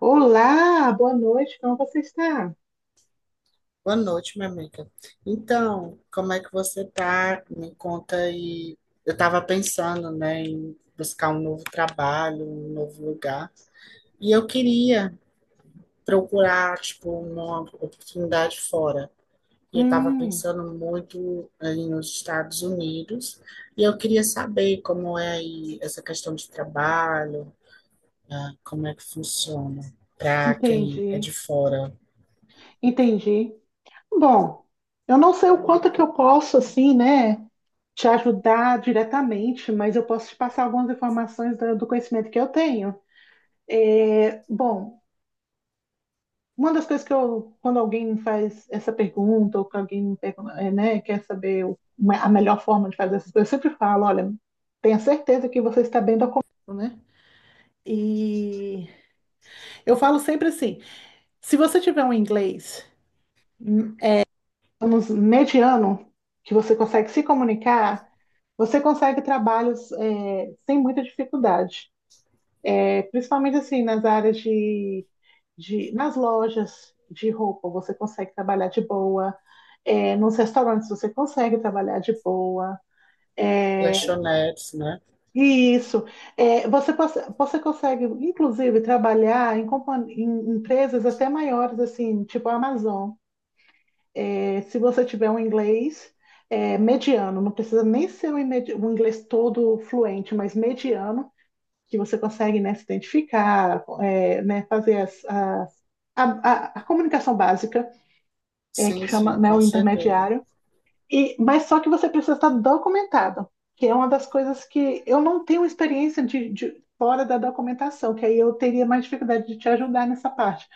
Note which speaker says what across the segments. Speaker 1: Olá, boa noite, como você está?
Speaker 2: Boa noite, minha amiga. Então, como é que você tá? Me conta aí. Eu estava pensando, né, em buscar um novo trabalho, um novo lugar, e eu queria procurar, tipo, uma oportunidade fora. E eu estava
Speaker 1: Hum,
Speaker 2: pensando muito aí nos Estados Unidos, e eu queria saber como é aí essa questão de trabalho, né, como é que funciona para quem é
Speaker 1: entendi,
Speaker 2: de fora.
Speaker 1: entendi. Bom, eu não sei o quanto que eu posso, assim, né, te ajudar diretamente, mas eu posso te passar algumas informações do conhecimento que eu tenho. Bom, uma das coisas que eu, quando alguém me faz essa pergunta, ou que alguém me pergunta, né, quer saber a melhor forma de fazer essas coisas, eu sempre falo, olha, tenha certeza que você está bem documentado, né? E eu falo sempre assim, se você tiver um inglês hum, digamos, mediano, que você consegue se comunicar, você consegue trabalhos sem muita dificuldade. É, principalmente assim, nas áreas de nas lojas de roupa, você consegue trabalhar de boa. É, nos restaurantes você consegue trabalhar de boa. É,
Speaker 2: Lanchonetes, né?
Speaker 1: e isso. É, você consegue, inclusive, trabalhar em empresas até maiores, assim, tipo a Amazon. É, se você tiver um inglês mediano, não precisa nem ser um inglês todo fluente, mas mediano, que você consegue, né, se identificar, né, fazer a, a comunicação básica, que
Speaker 2: Sim,
Speaker 1: chama,
Speaker 2: sim,
Speaker 1: né,
Speaker 2: com
Speaker 1: o
Speaker 2: certeza.
Speaker 1: intermediário, e, mas só que você precisa estar documentado, que é uma das coisas que eu não tenho experiência de fora da documentação, que aí eu teria mais dificuldade de te ajudar nessa parte.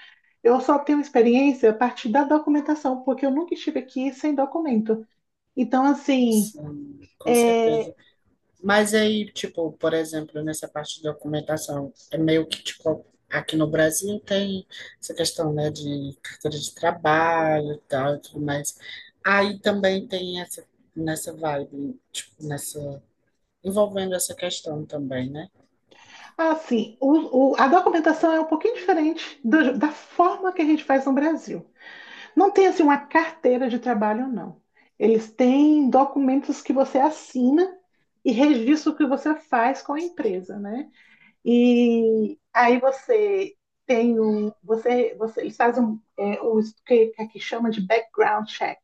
Speaker 1: Eu só tenho experiência a partir da documentação, porque eu nunca estive aqui sem documento. Então, assim,
Speaker 2: Sim, com
Speaker 1: é,
Speaker 2: certeza. Mas aí, tipo, por exemplo, nessa parte de documentação, é meio que, tipo, aqui no Brasil tem essa questão, né, de carteira de trabalho e tal e tudo mais. Aí também tem essa, nessa vibe, tipo, nessa, envolvendo essa questão também, né?
Speaker 1: assim a documentação é um pouquinho diferente da forma que a gente faz no Brasil. Não tem, assim, uma carteira de trabalho, não. Eles têm documentos que você assina e registra o que você faz com a empresa, né? E aí você eles fazem um, o que, que aqui chama de background check.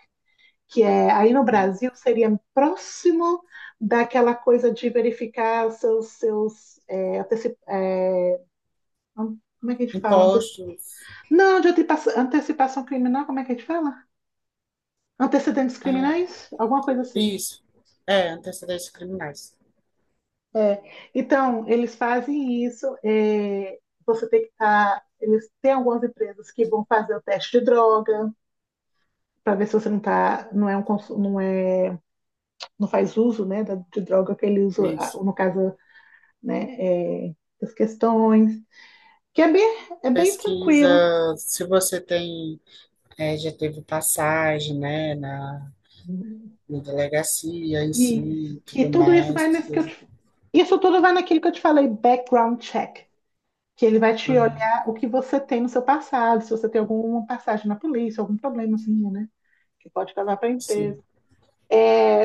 Speaker 1: Que é, aí no Brasil seria próximo daquela coisa de verificar seus como é que a gente fala?
Speaker 2: Impostos,
Speaker 1: Não, de antecipação criminal, como é que a gente fala? Antecedentes
Speaker 2: ah,
Speaker 1: criminais, alguma coisa assim.
Speaker 2: isso, é, antecedentes criminais,
Speaker 1: É. Então, eles fazem isso. É, você tem que estar. Eles têm algumas empresas que vão fazer o teste de droga para ver se você não tá, não é, não faz uso, né, de droga que ele usa, ah,
Speaker 2: isso.
Speaker 1: no caso, né, é, as questões, que é bem, é bem tranquilo.
Speaker 2: Pesquisa, se você tem, é, já teve passagem, né, na delegacia em
Speaker 1: Isso,
Speaker 2: si,
Speaker 1: que
Speaker 2: tudo
Speaker 1: tudo isso
Speaker 2: mais,
Speaker 1: vai nesse que
Speaker 2: tudo,
Speaker 1: eu te, isso tudo vai naquilo que eu te falei, background check, que ele vai te
Speaker 2: hum,
Speaker 1: olhar o que você tem no seu passado, se você tem alguma passagem na polícia, algum problema assim, né? Que pode levar para a
Speaker 2: sim,
Speaker 1: empresa.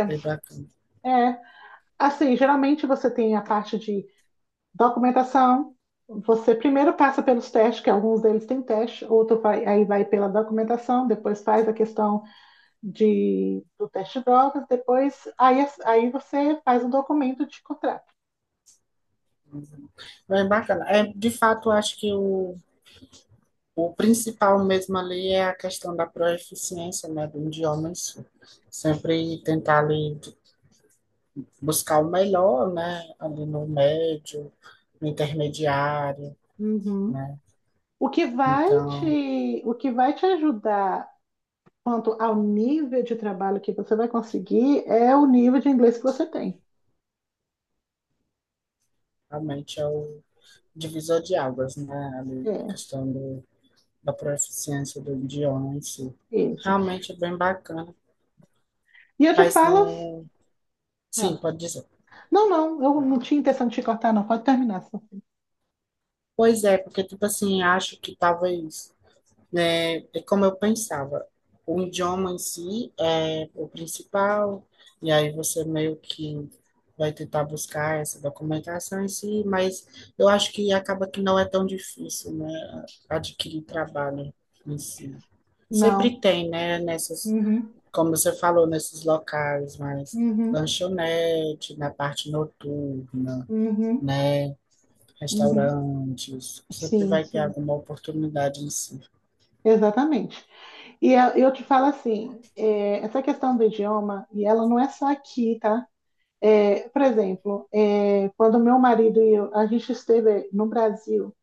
Speaker 2: bem bacana.
Speaker 1: É, assim, geralmente você tem a parte de documentação, você primeiro passa pelos testes, que alguns deles têm teste, outro vai, aí vai pela documentação, depois faz a questão de, do teste de drogas, depois aí, aí você faz o documento de contrato.
Speaker 2: Bem bacana. É, de fato, eu acho que o principal mesmo ali é a questão da proeficiência, né, do idioma em si. Sempre tentar ali buscar o melhor, né, ali no médio, no intermediário,
Speaker 1: Uhum.
Speaker 2: né.
Speaker 1: O que vai
Speaker 2: Então,
Speaker 1: o que vai te ajudar quanto ao nível de trabalho que você vai conseguir é o nível de inglês que você tem.
Speaker 2: realmente é o divisor de águas, né, ali, a
Speaker 1: É,
Speaker 2: questão do, da proeficiência do idioma em si.
Speaker 1: isso.
Speaker 2: Realmente é bem bacana.
Speaker 1: E eu te
Speaker 2: Mas
Speaker 1: falo.
Speaker 2: não. Sim,
Speaker 1: Ah,
Speaker 2: pode dizer.
Speaker 1: não, não, eu não tinha intenção de te cortar, não. Pode terminar. Só.
Speaker 2: Pois é, porque, tipo assim, acho que talvez, né, é como eu pensava, o idioma em si é o principal, e aí você meio que vai tentar buscar essa documentação em si, mas eu acho que acaba que não é tão difícil, né, adquirir trabalho em si. Sempre
Speaker 1: Não.
Speaker 2: tem, né, nessas,
Speaker 1: Uhum,
Speaker 2: como você falou, nesses locais, mas
Speaker 1: uhum,
Speaker 2: lanchonete, na parte noturna,
Speaker 1: uhum,
Speaker 2: né?
Speaker 1: uhum.
Speaker 2: Restaurantes, sempre
Speaker 1: Sim,
Speaker 2: vai ter
Speaker 1: sim.
Speaker 2: alguma oportunidade em si.
Speaker 1: Exatamente. E eu te falo assim, é, essa questão do idioma, e ela não é só aqui, tá? É, por exemplo, é, quando meu marido e eu, a gente esteve no Brasil,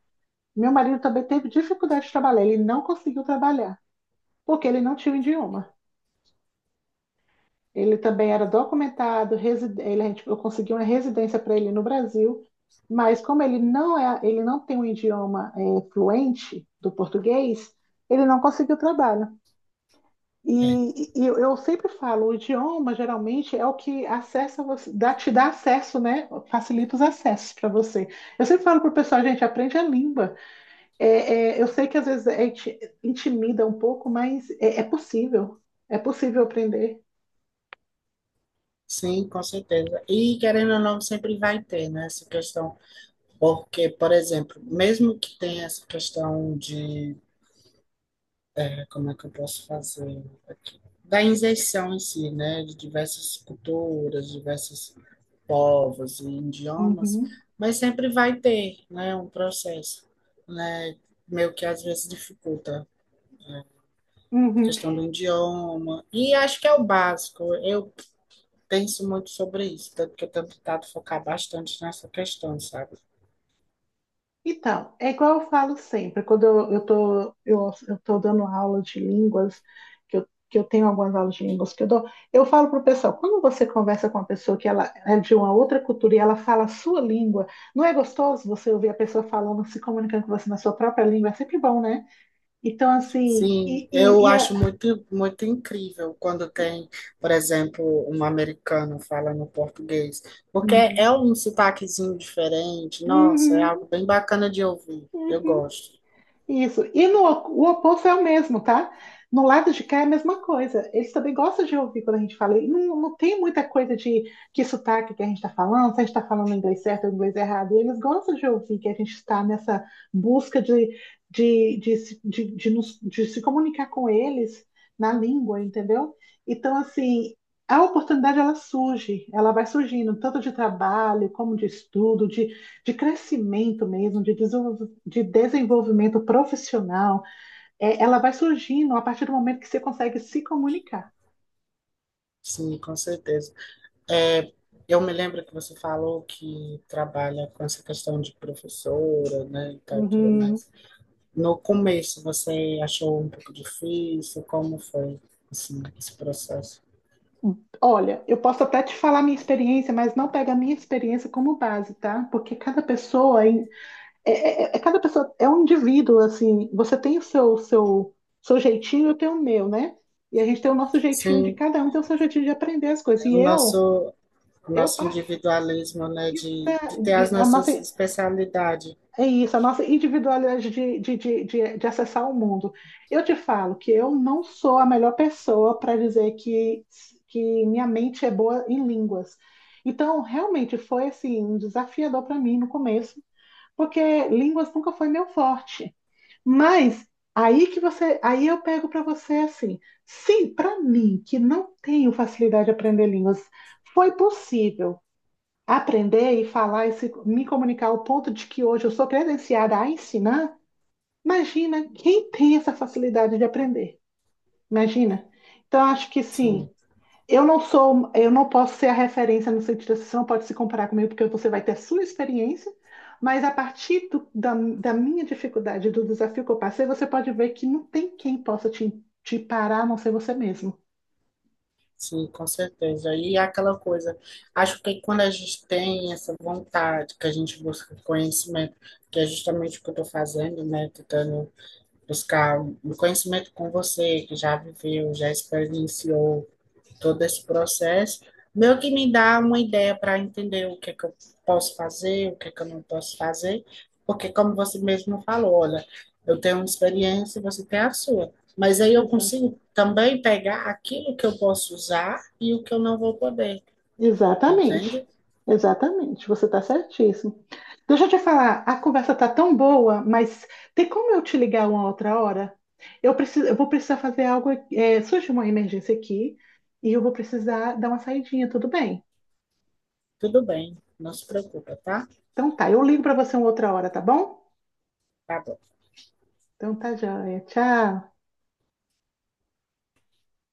Speaker 1: meu marido também teve dificuldade de trabalhar, ele não conseguiu trabalhar, porque ele não tinha o idioma. Ele também era documentado, eu consegui uma residência para ele no Brasil, mas como ele não é, ele não tem um idioma fluente do português, ele não conseguiu trabalho.
Speaker 2: É.
Speaker 1: E eu sempre falo, o idioma geralmente é o que acessa você, dá, te dá acesso, né? Facilita os acessos para você. Eu sempre falo pro pessoal, gente, aprende a língua. É, é, eu sei que às vezes intimida um pouco, mas é, é possível. É possível aprender.
Speaker 2: Sim, com certeza. E querendo ou não, sempre vai ter, né, essa questão. Porque, por exemplo, mesmo que tenha essa questão de, é, como é que eu posso fazer aqui? Da inserção em si, né, de diversas culturas, diversos povos e idiomas,
Speaker 1: Uhum,
Speaker 2: mas sempre vai ter, né, um processo, né, meio que às vezes dificulta, né, a
Speaker 1: uhum.
Speaker 2: questão do idioma. E acho que é o básico. Eu penso muito sobre isso, tanto que eu tenho tentado focar bastante nessa questão, sabe?
Speaker 1: Então, é igual eu falo sempre, quando eu tô dando aula de línguas, que eu tenho algumas aulas de línguas que eu dou, eu falo para o pessoal, quando você conversa com uma pessoa que ela é de uma outra cultura e ela fala a sua língua, não é gostoso você ouvir a pessoa falando, se comunicando com você na sua própria língua? É sempre bom, né? Então, assim,
Speaker 2: Sim, eu acho muito, muito incrível quando tem, por exemplo, um americano falando português, porque
Speaker 1: Uhum,
Speaker 2: é um sotaquezinho diferente. Nossa, é
Speaker 1: uhum,
Speaker 2: algo bem bacana de ouvir. Eu
Speaker 1: uhum.
Speaker 2: gosto.
Speaker 1: Isso. E no, o oposto é o mesmo, tá? No lado de cá é a mesma coisa. Eles também gostam de ouvir quando a gente fala. E não, não tem muita coisa de que sotaque que a gente está falando, se a gente está falando inglês certo ou inglês errado. E eles gostam de ouvir que a gente está nessa busca de, se- de nos- de se comunicar com eles na língua, entendeu? Então, assim, a oportunidade ela surge, ela vai surgindo, tanto de trabalho, como de estudo, de crescimento mesmo, de desenvolvimento profissional, é, ela vai surgindo a partir do momento que você consegue se comunicar.
Speaker 2: Sim, com certeza. É, eu me lembro que você falou que trabalha com essa questão de professora, né, e tal, e tudo
Speaker 1: Uhum.
Speaker 2: mais. No começo, você achou um pouco difícil? Como foi, assim, esse processo?
Speaker 1: Olha, eu posso até te falar minha experiência, mas não pega a minha experiência como base, tá? Porque cada pessoa cada pessoa é um indivíduo, assim, você tem o seu jeitinho, eu tenho o meu, né? E a gente tem o nosso jeitinho de
Speaker 2: Sim,
Speaker 1: cada um, tem o seu jeitinho de aprender as coisas. E
Speaker 2: o nosso, o
Speaker 1: eu
Speaker 2: nosso
Speaker 1: parti.
Speaker 2: individualismo, né, de ter
Speaker 1: E
Speaker 2: as
Speaker 1: a nossa,
Speaker 2: nossas especialidades,
Speaker 1: é isso, a nossa individualidade de acessar o mundo. Eu te falo que eu não sou a melhor pessoa para dizer que minha mente é boa em línguas. Então, realmente foi assim, um desafiador para mim no começo, porque línguas nunca foi meu forte. Mas aí que você, aí eu pego para você assim, sim, para mim que não tenho facilidade de aprender línguas, foi possível aprender e falar e me comunicar ao ponto de que hoje eu sou credenciada a ensinar, imagina quem tem essa facilidade de aprender. Imagina. Então, acho que sim,
Speaker 2: sim,
Speaker 1: eu não sou, eu não posso ser a referência no sentido assim, você não pode se comparar comigo porque você vai ter sua experiência, mas a partir da, da minha dificuldade, do desafio que eu passei, você pode ver que não tem quem possa te, te parar, a não ser você mesmo.
Speaker 2: sim, com certeza. E é aquela coisa, acho que quando a gente tem essa vontade, que a gente busca conhecimento, que é justamente o que eu estou fazendo, né, tentando buscar um conhecimento com você, que já viveu, já experienciou, todo esse processo, meio que me dá uma ideia para entender o que é que eu posso fazer, o que é que eu não posso fazer, porque como você mesmo falou, olha, eu tenho uma experiência e você tem a sua. Mas aí eu
Speaker 1: Exato.
Speaker 2: consigo também pegar aquilo que eu posso usar e o que eu não vou poder,
Speaker 1: Exatamente.
Speaker 2: entende?
Speaker 1: Exatamente. Você está certíssimo. Deixa eu te falar, a conversa está tão boa, mas tem como eu te ligar uma outra hora? Eu preciso, eu vou precisar fazer algo. É, surge uma emergência aqui e eu vou precisar dar uma saidinha, tudo bem?
Speaker 2: Tudo bem, não se preocupa, tá?
Speaker 1: Então tá, eu ligo para você uma outra hora, tá bom?
Speaker 2: Tá bom.
Speaker 1: Então tá, joia. Tchau.